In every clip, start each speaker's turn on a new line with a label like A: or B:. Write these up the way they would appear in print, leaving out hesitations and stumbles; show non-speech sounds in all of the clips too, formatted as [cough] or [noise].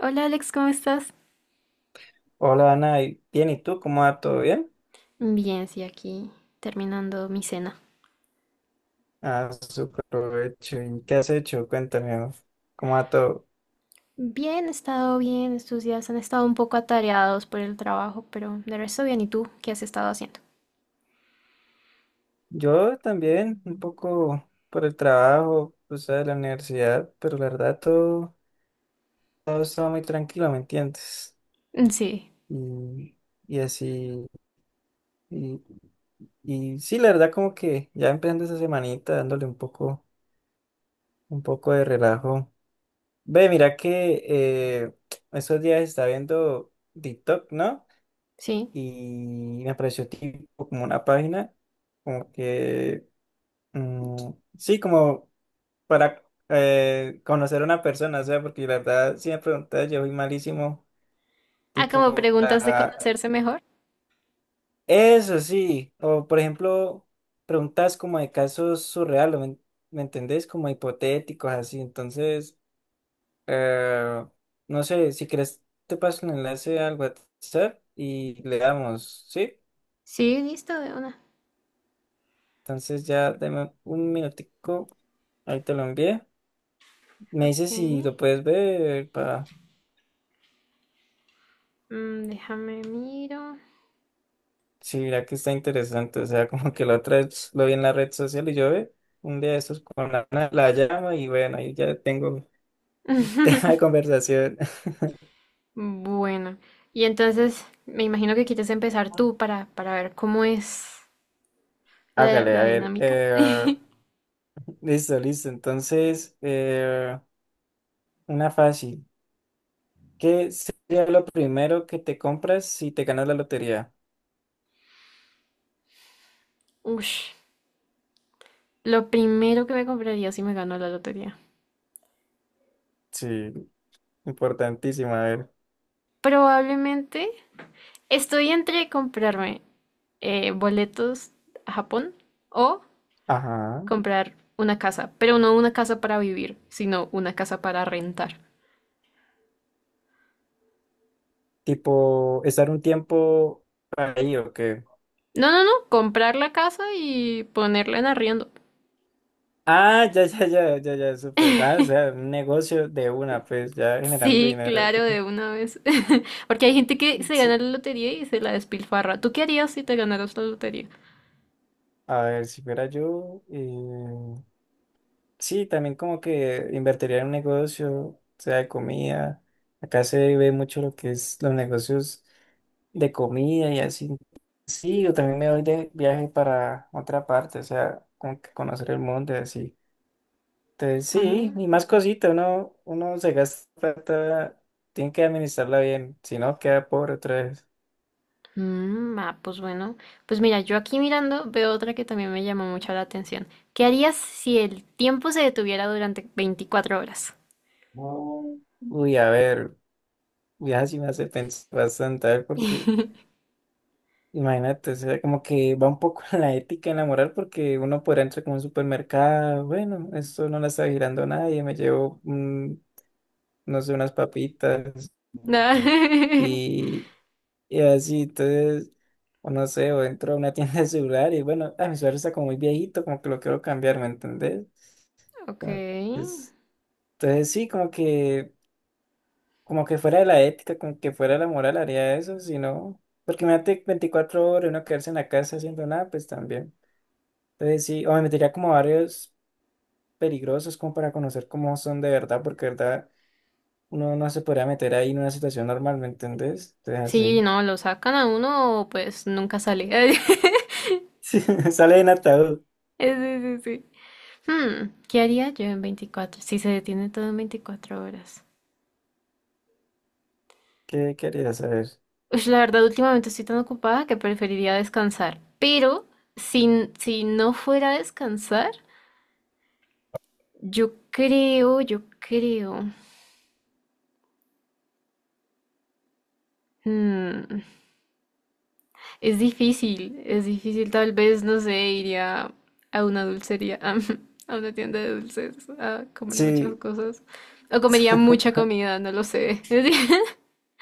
A: Hola Alex, ¿cómo estás?
B: Hola Ana, bien, ¿y tú? ¿Cómo va todo bien?
A: Bien, sí, aquí terminando mi cena.
B: Ah, súper provecho. ¿Qué has hecho? Cuéntame, ¿no? ¿Cómo va todo?
A: Bien, he estado bien, estos días han estado un poco atareados por el trabajo, pero de resto bien. ¿Y tú qué has estado haciendo?
B: Yo también, un poco por el trabajo, pues de la universidad, pero la verdad todo estaba muy tranquilo, ¿me entiendes?
A: Mm, Sí,
B: Y, y así, y, y sí, la verdad como que ya empezando esa semanita dándole un poco de relajo. Ve, mira que [tsk] estos días está viendo TikTok, ¿no?
A: sí.
B: Y me apareció tipo como una página, como que, mm, sí, como para conocer a una persona, o sea, porque la verdad, si me preguntas, yo soy malísimo,
A: Ah, como
B: tipo,
A: preguntas de
B: para-
A: conocerse mejor.
B: Eso sí, o por ejemplo, preguntas como de casos surreales, ¿me entendés? Como hipotéticos, así, entonces, eh, no sé, si quieres, te paso el enlace al WhatsApp y le damos, ¿sí?
A: Sí, listo, de una.
B: Entonces ya dame un minutico. Ahí te lo envié. Me
A: Ok,
B: dice si lo puedes ver para
A: mm, déjame miro.
B: si mira que está interesante. O sea, [laughs] como que la otra vez lo vi en la red social y yo ve un día de estos con la llama y bueno, ahí ya tengo [laughs] tema de
A: [laughs]
B: conversación. [laughs]
A: Bueno, y entonces me imagino que quieres empezar tú para ver cómo es la,
B: Hágale, a
A: la
B: ver.
A: dinámica. [laughs]
B: Listo, listo. Entonces, una fácil. ¿Qué sería lo primero que te compras si te ganas la lotería?
A: Ush. Lo primero que me compraría si me gano la lotería.
B: Sí, importantísimo. A ver.
A: Probablemente estoy entre comprarme boletos a Japón o
B: Ajá.
A: comprar una casa, pero no una casa para vivir, sino una casa para rentar.
B: Tipo, estar un tiempo ahí o qué.
A: No, no, no, comprar la casa y ponerla en arriendo.
B: Ah, ya, ya, ya, ya, ya, súper. Ah, o sea, un negocio de una, pues ya generando
A: Sí,
B: dinero.
A: claro, de una vez. [laughs] Porque hay gente que se gana
B: Sí.
A: la lotería y se la despilfarra. ¿Tú qué harías si te ganaras la lotería?
B: A ver, si fuera yo, sí, también como que invertiría en un negocio, o sea, de comida. Acá se ve mucho lo que es los negocios de comida y así. Sí, yo también me voy de viaje para otra parte, o sea, como que conocer el mundo y así. Entonces,
A: Ah.
B: sí, y más cosita, uno se gasta plata, tiene que administrarla bien, si no queda pobre otra vez.
A: Mm, ah, pues bueno, pues mira, yo aquí mirando veo otra que también me llamó mucho la atención. ¿Qué harías si el tiempo se detuviera durante 24 horas?
B: No. Uy, a ver, ya sí me hace pensar bastante, a ver, porque
A: [laughs]
B: imagínate, o sea, como que va un poco [laughs] en la ética, en la moral, porque uno podrá entrar como a un supermercado, bueno, esto no la está girando nadie, me llevo, no sé, unas papitas
A: No. [laughs]
B: y, Y así, entonces, o no sé, o entro a una [laughs] tienda de celular y bueno, ah, mi celular está como muy viejito, como que lo quiero cambiar, ¿me entendés?
A: Ok.
B: Entonces, entonces sí, como que fuera de la ética, como que fuera de la moral haría eso, si no, porque imagínate 24 horas uno quedarse en la casa haciendo nada, pues también. Entonces sí, o me metería como a barrios peligrosos como para conocer cómo son de verdad, porque de verdad uno no se podría meter ahí en una situación normal, ¿me entendés? Entonces
A: Sí, no, lo sacan a uno, pues nunca sale. [laughs]
B: así, [laughs] sale en ataúd,
A: Sí, sí, sí. Hmm, ¿qué haría yo en 24? Si se detiene todo en 24 horas.
B: ¿qué querías saber?
A: Ush, la verdad, últimamente estoy tan ocupada que preferiría descansar. Pero si no fuera a descansar, yo creo, yo creo. Mm, es difícil, es difícil. Tal vez, no sé, iría a una dulcería, [laughs] a, una tienda de dulces, a comer muchas
B: Sí,
A: cosas. O comería mucha
B: [laughs]
A: comida, no lo sé. [laughs]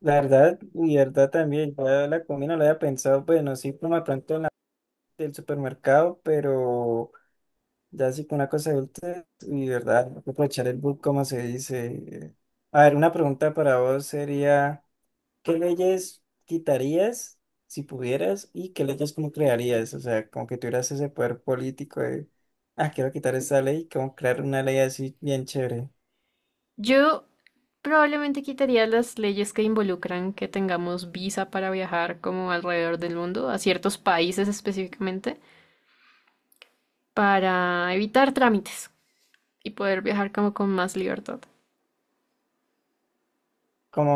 B: la verdad, y verdad también, yo la comida no la había pensado, bueno, sí, como de pronto en la del supermercado, pero ya sí con una cosa adulta, y verdad, hay que aprovechar el book, como se dice. A ver, una pregunta para vos sería, ¿qué leyes quitarías si pudieras y qué leyes como crearías? O sea, como que tuvieras ese poder político de, ah, quiero quitar esta ley, como crear una ley así bien chévere,
A: Yo probablemente quitaría las leyes que involucran que tengamos visa para viajar como alrededor del mundo, a ciertos países específicamente, para evitar trámites y poder viajar como con más libertad.
B: como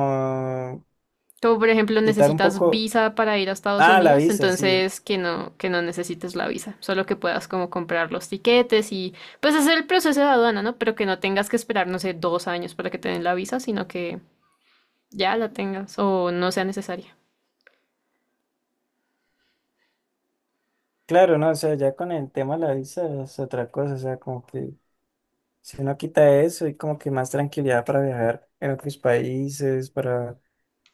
A: Como por ejemplo
B: quitar un
A: necesitas
B: poco...
A: visa para ir a Estados
B: Ah, la
A: Unidos,
B: visa, sí.
A: entonces que no necesites la visa, solo que puedas como comprar los tiquetes y pues hacer el proceso de aduana, ¿no? Pero que no tengas que esperar, no sé, 2 años para que te den la visa, sino que ya la tengas o no sea necesaria.
B: Claro, no, o sea, ya con el tema de la visa es otra cosa, o sea, como que si uno quita eso y como que más tranquilidad para viajar en otros países, para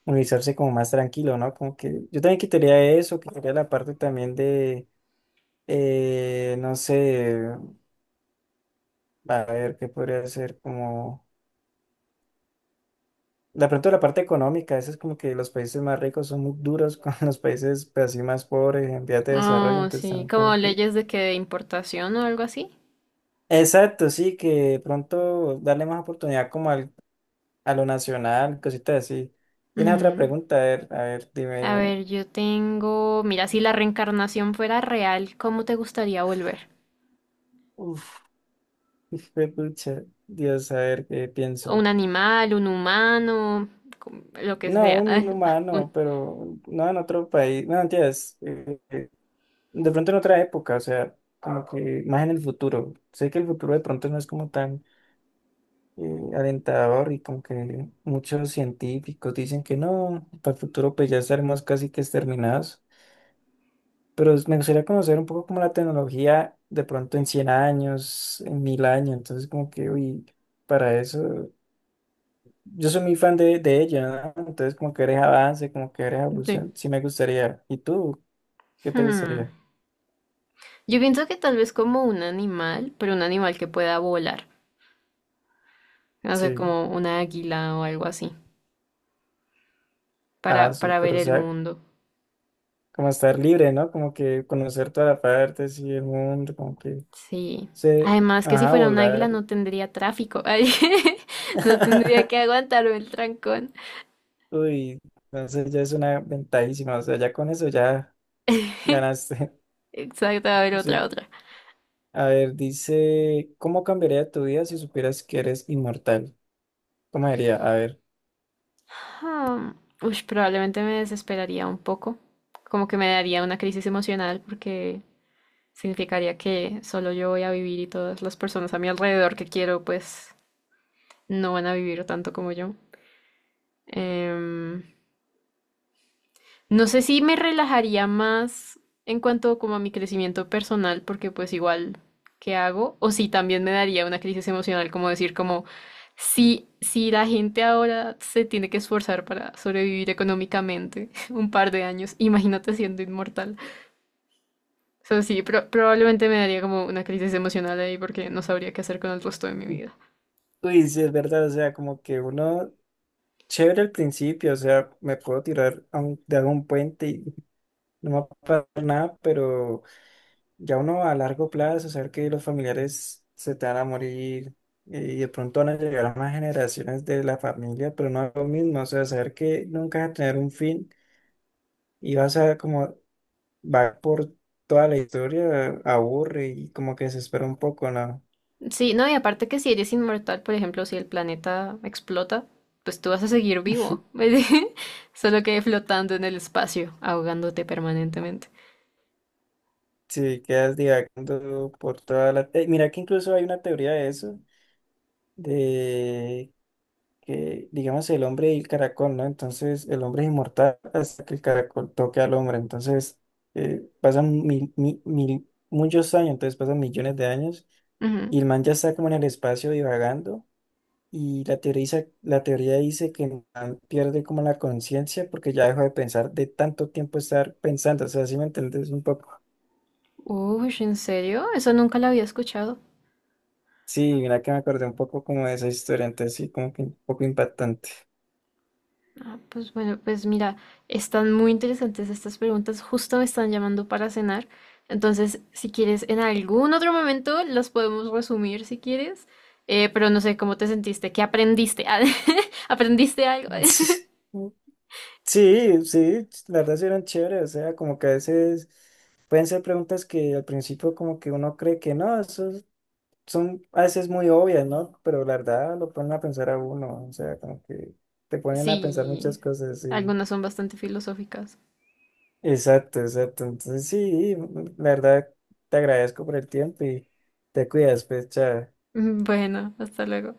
B: movilizarse como más tranquilo, ¿no? Como que yo también quitaría eso, quitaría la parte también de, no sé, a ver, ¿qué podría ser? Como, de pronto la parte económica, eso es como que los países más ricos son muy duros [laughs] con los países pues, así más pobres en vías de desarrollo,
A: Oh,
B: entonces
A: sí,
B: también
A: como
B: como que...
A: leyes de que de importación o algo así.
B: Exacto, sí, que de pronto darle más oportunidad como al a lo nacional, cositas así. ¿Tienes otra
A: Ujú.
B: pregunta? A ver, dime,
A: A
B: dime.
A: ver, yo tengo, mira, si la reencarnación fuera real, ¿cómo te gustaría volver?
B: Uf, pucha, Dios, a ver qué pienso.
A: ¿Un animal, un humano, como- lo que
B: No,
A: sea?
B: un
A: [laughs] Un-
B: humano, pero no en otro país. No, entiendes. De pronto en otra época, o sea, como que más en el futuro. Sé que el futuro de pronto no es como tan alentador y como que muchos científicos dicen que no, para el futuro pues ya estaremos casi que exterminados. Pero me gustaría conocer un poco como la tecnología de pronto en 100 años, en 1000 años, entonces como que, uy, para eso, yo soy muy fan de ella, ¿no? Entonces como que eres avance, como que eres
A: De-
B: evolución, sí me gustaría. ¿Y tú? ¿Qué te
A: hmm.
B: gustaría?
A: Yo pienso que tal vez como un animal, pero un animal que pueda volar. No sé,
B: Sí,
A: como una águila o algo así,
B: ah,
A: para
B: súper,
A: ver
B: o
A: el
B: sea,
A: mundo.
B: como estar libre, ¿no? Como que conocer todas las partes y el mundo, como que
A: Sí.
B: se,
A: Además que si
B: ajá,
A: fuera un águila
B: volar.
A: no tendría tráfico. [laughs] Ay, no tendría que
B: [laughs]
A: aguantarme el trancón.
B: Uy, entonces ya es una ventajísima, o sea, ya con eso ya ganaste.
A: Exacto, a ver otra,
B: [laughs]
A: otra.
B: A ver, dice, ¿cómo cambiaría tu vida si supieras que eres inmortal? ¿Cómo diría? A ver.
A: Hmm. Ush, probablemente me desesperaría un poco. Como que me daría una crisis emocional porque significaría que solo yo voy a vivir y todas las personas a mi alrededor que quiero, pues no van a vivir tanto como yo. Em, no sé si me relajaría más en cuanto como a mi crecimiento personal, porque pues igual, ¿qué hago? O si también me daría una crisis emocional, como decir como, si la gente ahora se tiene que esforzar para sobrevivir económicamente [laughs] un par de años, imagínate siendo inmortal. O sea, sí, probablemente me daría como una crisis emocional ahí porque no sabría qué hacer con el resto de mi vida.
B: Uy, sí, es verdad, o sea, como que uno, chévere al principio, o sea, me puedo tirar de algún puente y no me va a pasar nada, pero ya uno a largo plazo, saber que los familiares se te van a morir y de pronto van a llegar más generaciones de la familia, pero no es lo mismo, o sea, saber que nunca vas a tener un fin y vas a como va por toda la historia, aburre y como que desespera un poco, ¿no?
A: Sí, no, y aparte que si eres inmortal, por ejemplo, si el planeta explota, pues tú vas a seguir vivo, [laughs] solo que flotando en el espacio, ahogándote permanentemente.
B: Si quedas divagando por toda la. Mira que incluso hay una teoría de eso, de que, digamos, el hombre y el caracol, ¿no? Entonces, el hombre es inmortal hasta que el caracol toque al hombre. Entonces, pasan muchos años, entonces pasan millones de años
A: Ujú.
B: y el man ya está como en el espacio divagando. Y la teoría dice que el man pierde como la conciencia porque ya dejó de pensar de tanto tiempo estar pensando. O sea, si me entiendes un poco.
A: Uy, ¿en serio? Eso nunca lo había escuchado.
B: Sí, mira que me acordé un poco como de esa historia, entonces sí, como que un poco impactante.
A: Ah, pues bueno, pues mira, están muy interesantes estas preguntas, justo me están llamando para cenar, entonces si quieres en algún otro momento las podemos resumir si quieres, eh, pero no sé cómo te sentiste, qué aprendiste, [laughs] ¿aprendiste algo?
B: [laughs]
A: [laughs]
B: Sí, sí, sí, la verdad sí eran chéveres. O sea, como que a veces pueden ser preguntas que al principio como que uno cree que no, son a veces muy obvias, ¿no? Pero la verdad lo ponen a pensar a uno. O sea, como que te ponen a pensar muchas
A: Sí,
B: cosas. Sí.
A: algunas son bastante filosóficas. [laughs]
B: Exacto, exacto. Entonces, sí, la verdad, te agradezco por el tiempo y te cuidas, pues, chao.
A: Bueno, hasta luego.